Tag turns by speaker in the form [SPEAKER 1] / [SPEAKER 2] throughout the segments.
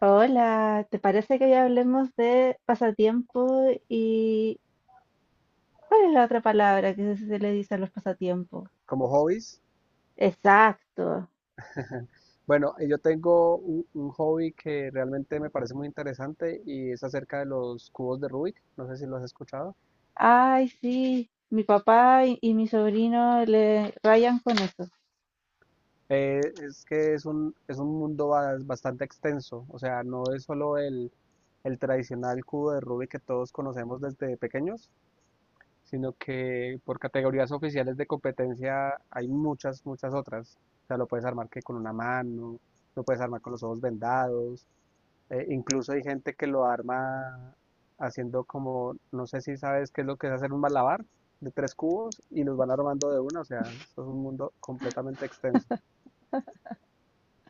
[SPEAKER 1] Hola, ¿te parece que hoy hablemos de pasatiempo y cuál es la otra palabra que se le dice a los pasatiempos?
[SPEAKER 2] Como hobbies,
[SPEAKER 1] Exacto.
[SPEAKER 2] bueno, yo tengo un hobby que realmente me parece muy interesante y es acerca de los cubos de Rubik. No sé si lo has escuchado.
[SPEAKER 1] Ay, sí, mi papá y mi sobrino le rayan con eso.
[SPEAKER 2] Es que es es un mundo bastante extenso, o sea, no es solo el tradicional cubo de Rubik que todos conocemos desde pequeños, sino que por categorías oficiales de competencia hay muchas, muchas otras. O sea, lo puedes armar que con una mano, lo puedes armar con los ojos vendados. Incluso hay gente que lo arma haciendo como, no sé si sabes qué es lo que es hacer un malabar de tres cubos y los van armando de una, o sea, esto es un mundo completamente extenso.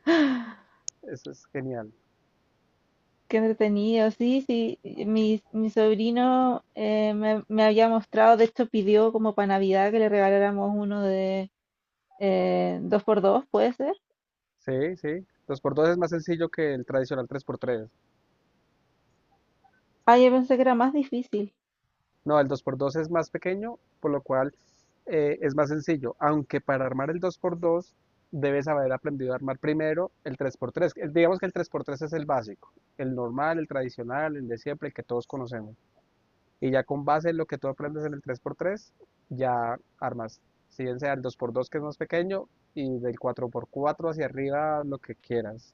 [SPEAKER 2] Eso es genial.
[SPEAKER 1] Qué entretenido, sí, sí. Mi sobrino me había mostrado, de hecho pidió como para Navidad que le regaláramos uno de dos por dos, ¿puede ser?
[SPEAKER 2] Sí, sí. Dos por dos es más sencillo que el tradicional tres por tres.
[SPEAKER 1] Ah, yo pensé que era más difícil.
[SPEAKER 2] No, el dos por dos es más pequeño, por lo cual es más sencillo. Aunque para armar el dos por dos debes haber aprendido a armar primero el tres por tres. Digamos que el tres por tres es el básico, el normal, el tradicional, el de siempre, el que todos conocemos. Y ya con base en lo que tú aprendes en el tres por tres ya armas, si bien sea el dos por dos que es más pequeño, y del cuatro por cuatro hacia arriba lo que quieras.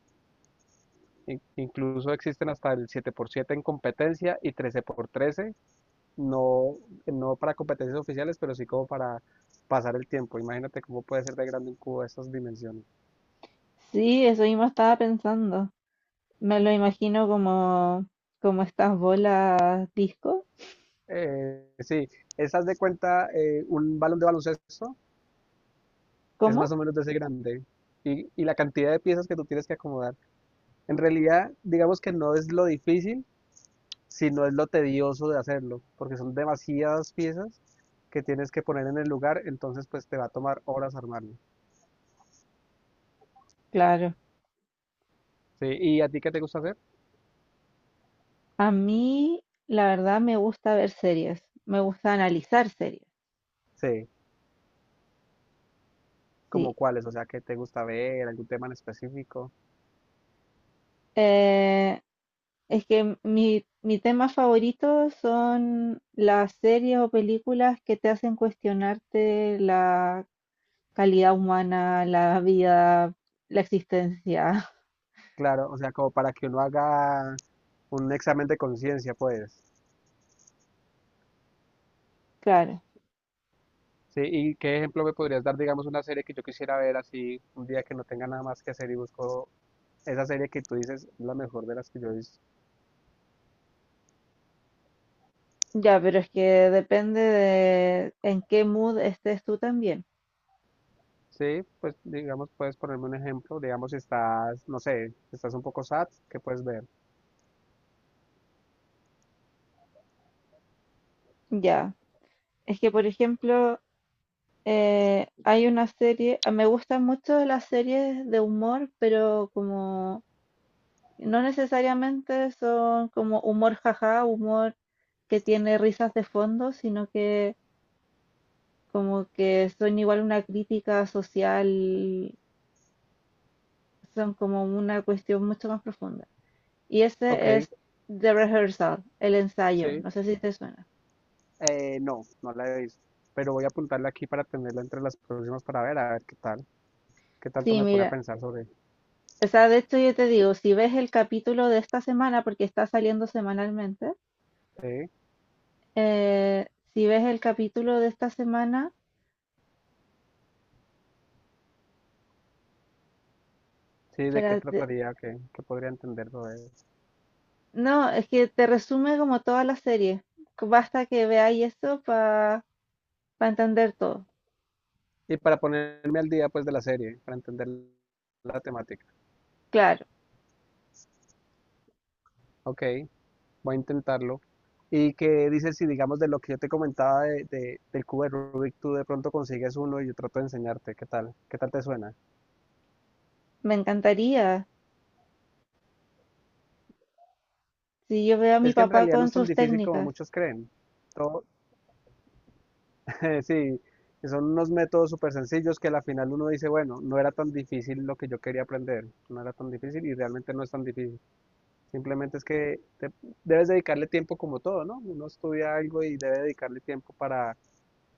[SPEAKER 2] Incluso existen hasta el siete por siete en competencia y trece por trece no, no para competencias oficiales, pero sí como para pasar el tiempo. Imagínate cómo puede ser de grande un cubo de estas dimensiones.
[SPEAKER 1] Sí, eso mismo estaba pensando. Me lo imagino como estas bolas disco.
[SPEAKER 2] Sí, esas de cuenta, un balón de baloncesto es más
[SPEAKER 1] ¿Cómo?
[SPEAKER 2] o menos de ese grande, y la cantidad de piezas que tú tienes que acomodar. En realidad, digamos que no es lo difícil, sino es lo tedioso de hacerlo, porque son demasiadas piezas que tienes que poner en el lugar, entonces pues te va a tomar horas armarlo.
[SPEAKER 1] Claro.
[SPEAKER 2] Sí, ¿y a ti qué te gusta hacer?
[SPEAKER 1] A mí, la verdad, me gusta ver series. Me gusta analizar series.
[SPEAKER 2] Sí, como
[SPEAKER 1] Sí.
[SPEAKER 2] cuáles, o sea, ¿qué te gusta ver, algún tema en específico?
[SPEAKER 1] Eh, es que mi tema favorito son las series o películas que te hacen cuestionarte la calidad humana, la vida, la existencia.
[SPEAKER 2] Claro, o sea, como para que uno haga un examen de conciencia, pues.
[SPEAKER 1] Claro.
[SPEAKER 2] Sí, ¿y qué ejemplo me podrías dar? Digamos, una serie que yo quisiera ver así, un día que no tenga nada más que hacer, y busco esa serie que tú dices es la mejor de las que yo he visto.
[SPEAKER 1] Ya, pero es que depende de en qué mood estés tú también.
[SPEAKER 2] Sí, pues digamos, puedes ponerme un ejemplo, digamos, si estás, no sé, si estás un poco sad, ¿qué puedes ver?
[SPEAKER 1] Ya. Es que, por ejemplo, hay una serie, ah, me gustan mucho las series de humor, pero como no necesariamente son como humor jaja, humor que tiene risas de fondo, sino que como que son igual una crítica social, son como una cuestión mucho más profunda. Y
[SPEAKER 2] Ok,
[SPEAKER 1] ese es The Rehearsal, el ensayo,
[SPEAKER 2] sí,
[SPEAKER 1] no sé si te suena.
[SPEAKER 2] no, no la he visto, pero voy a apuntarla aquí para tenerla entre las próximas para ver, a ver qué tal, qué tanto
[SPEAKER 1] Sí,
[SPEAKER 2] me pone a
[SPEAKER 1] mira.
[SPEAKER 2] pensar sobre,
[SPEAKER 1] O sea, de hecho yo te digo, si ves el capítulo de esta semana, porque está saliendo semanalmente,
[SPEAKER 2] sí,
[SPEAKER 1] eh, si ves el capítulo de esta semana,
[SPEAKER 2] sí, de qué
[SPEAKER 1] espérate,
[SPEAKER 2] trataría, qué, qué podría entender sobre eso.
[SPEAKER 1] no, es que te resume como toda la serie. Basta que veáis eso para entender todo.
[SPEAKER 2] Y para ponerme al día, pues, de la serie, para entender la temática.
[SPEAKER 1] Claro,
[SPEAKER 2] Ok, voy a intentarlo. Y que dice, si digamos de lo que yo te comentaba de, del cubo de Rubik, tú de pronto consigues uno y yo trato de enseñarte, ¿qué tal? ¿Qué tal te suena?
[SPEAKER 1] me encantaría. Si yo veo a mi
[SPEAKER 2] Es que en
[SPEAKER 1] papá
[SPEAKER 2] realidad no
[SPEAKER 1] con
[SPEAKER 2] es tan
[SPEAKER 1] sus
[SPEAKER 2] difícil como
[SPEAKER 1] técnicas,
[SPEAKER 2] muchos creen. Todo, sí, son unos métodos súper sencillos que a la final uno dice, bueno, no era tan difícil lo que yo quería aprender, no era tan difícil, y realmente no es tan difícil. Simplemente es que debes dedicarle tiempo como todo, ¿no? Uno estudia algo y debe dedicarle tiempo para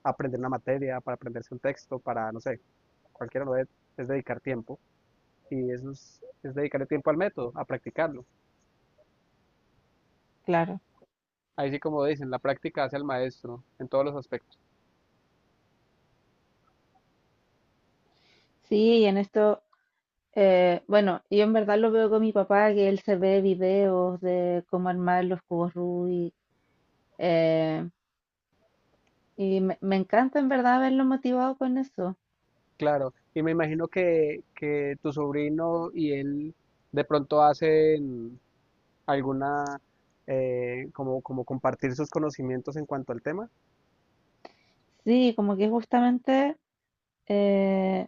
[SPEAKER 2] aprender una materia, para aprenderse un texto, para, no sé, cualquiera lo es dedicar tiempo, y eso es dedicarle tiempo al método, a practicarlo.
[SPEAKER 1] claro.
[SPEAKER 2] Ahí sí como dicen, la práctica hace al maestro en todos los aspectos.
[SPEAKER 1] Sí, y en esto, bueno, yo en verdad lo veo con mi papá, que él se ve videos de cómo armar los cubos Rubik. Y me encanta en verdad verlo motivado con eso.
[SPEAKER 2] Claro, y me imagino que tu sobrino y él de pronto hacen alguna, como, como compartir sus conocimientos en cuanto al tema.
[SPEAKER 1] Sí, como que justamente eh,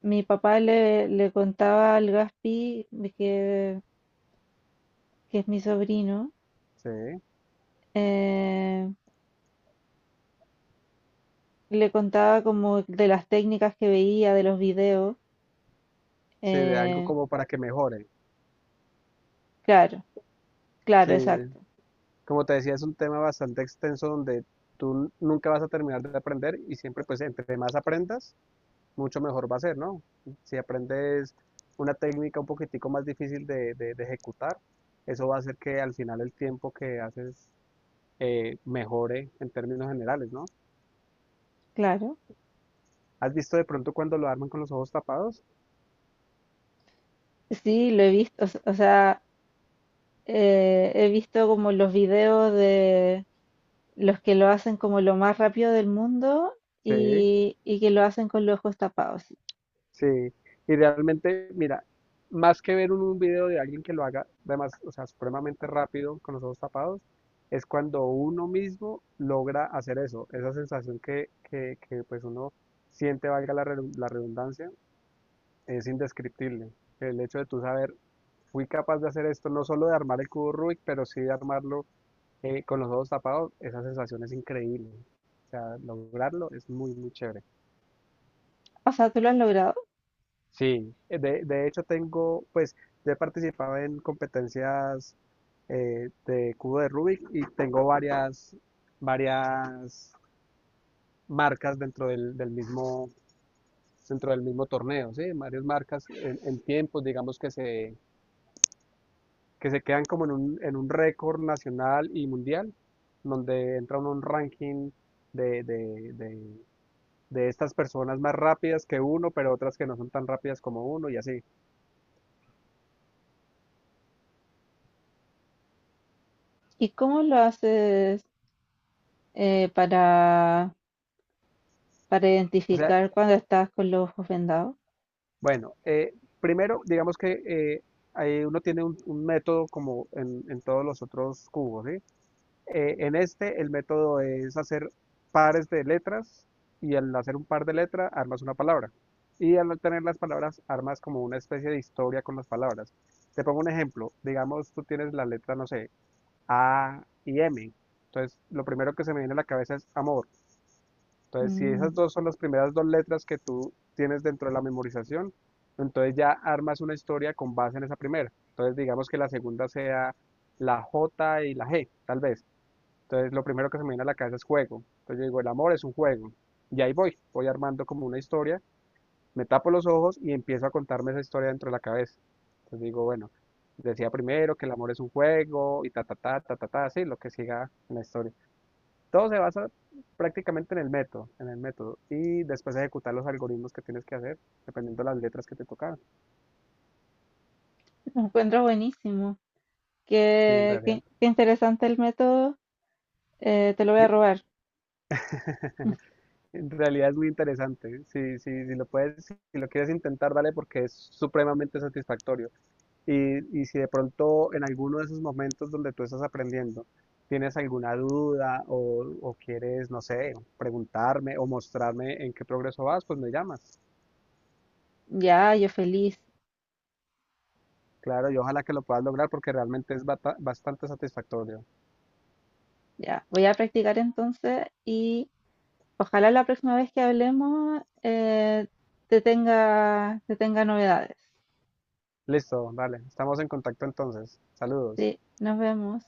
[SPEAKER 1] mi papá le contaba al Gaspi, de que es mi sobrino,
[SPEAKER 2] Sí,
[SPEAKER 1] eh, le contaba como de las técnicas que veía, de los videos.
[SPEAKER 2] sí, de algo
[SPEAKER 1] eh,
[SPEAKER 2] como para que mejore.
[SPEAKER 1] claro,
[SPEAKER 2] Sí,
[SPEAKER 1] claro, exacto,
[SPEAKER 2] como te decía, es un tema bastante extenso donde tú nunca vas a terminar de aprender, y siempre pues entre más aprendas, mucho mejor va a ser, ¿no? Si aprendes una técnica un poquitico más difícil de, de ejecutar, eso va a hacer que al final el tiempo que haces mejore en términos generales, ¿no?
[SPEAKER 1] claro.
[SPEAKER 2] ¿Has visto de pronto cuando lo arman con los ojos tapados?
[SPEAKER 1] Sí, lo he visto, o, o sea, he visto como los videos los que lo hacen como lo más rápido del mundo
[SPEAKER 2] Sí,
[SPEAKER 1] y que lo hacen con los ojos tapados.
[SPEAKER 2] sí. Y realmente, mira, más que ver un video de alguien que lo haga, además, o sea, supremamente rápido con los ojos tapados, es cuando uno mismo logra hacer eso, esa sensación que pues uno siente, valga la, la redundancia, es indescriptible. El hecho de tú saber, fui capaz de hacer esto, no solo de armar el cubo Rubik, pero sí de armarlo con los ojos tapados, esa sensación es increíble. O sea, lograrlo es muy, muy chévere.
[SPEAKER 1] O sea, tú lo has logrado.
[SPEAKER 2] Sí, de hecho tengo, pues, yo he participado en competencias de cubo de Rubik, y tengo varias, varias marcas dentro del, del mismo, dentro del mismo torneo, ¿sí? Varias marcas en tiempos, digamos, que se quedan como en un récord nacional y mundial, donde entra uno a un ranking de, de estas personas más rápidas que uno, pero otras que no son tan rápidas como uno, y así.
[SPEAKER 1] ¿Y cómo lo haces eh, para, para
[SPEAKER 2] O sea,
[SPEAKER 1] identificar cuando estás con los ojos vendados?
[SPEAKER 2] bueno, primero digamos que ahí uno tiene un método como en todos los otros cubos, ¿sí? En este, el método es hacer pares de letras, y al hacer un par de letras armas una palabra. Y al tener las palabras armas como una especie de historia con las palabras. Te pongo un ejemplo. Digamos, tú tienes la letra, no sé, A y M. Entonces, lo primero que se me viene a la cabeza es amor. Entonces, si
[SPEAKER 1] Mm,
[SPEAKER 2] esas dos son las primeras dos letras que tú tienes dentro de la memorización, entonces ya armas una historia con base en esa primera. Entonces, digamos que la segunda sea la J y la G, tal vez. Entonces lo primero que se me viene a la cabeza es juego. Entonces yo digo, el amor es un juego. Y ahí voy, voy armando como una historia, me tapo los ojos y empiezo a contarme esa historia dentro de la cabeza. Entonces digo, bueno, decía primero que el amor es un juego y ta, ta, ta, ta, ta, ta, así, lo que siga en la historia. Todo se basa prácticamente en el método, en el método. Y después ejecutar los algoritmos que tienes que hacer, dependiendo de las letras que te tocaban.
[SPEAKER 1] lo encuentro buenísimo.
[SPEAKER 2] Y en
[SPEAKER 1] Qué,
[SPEAKER 2] realidad,
[SPEAKER 1] qué interesante el método. Te lo voy a
[SPEAKER 2] y-
[SPEAKER 1] robar.
[SPEAKER 2] en realidad es muy interesante. Si, si, si lo puedes, si lo quieres intentar, dale porque es supremamente satisfactorio. Y si de pronto en alguno de esos momentos donde tú estás aprendiendo tienes alguna duda o quieres, no sé, preguntarme o mostrarme en qué progreso vas, pues me llamas.
[SPEAKER 1] Ya, yo feliz.
[SPEAKER 2] Claro, y ojalá que lo puedas lograr porque realmente es bastante satisfactorio.
[SPEAKER 1] Ya, voy a practicar entonces y ojalá la próxima vez que hablemos, te tenga novedades.
[SPEAKER 2] Listo, vale, estamos en contacto entonces. Saludos.
[SPEAKER 1] Sí, nos vemos.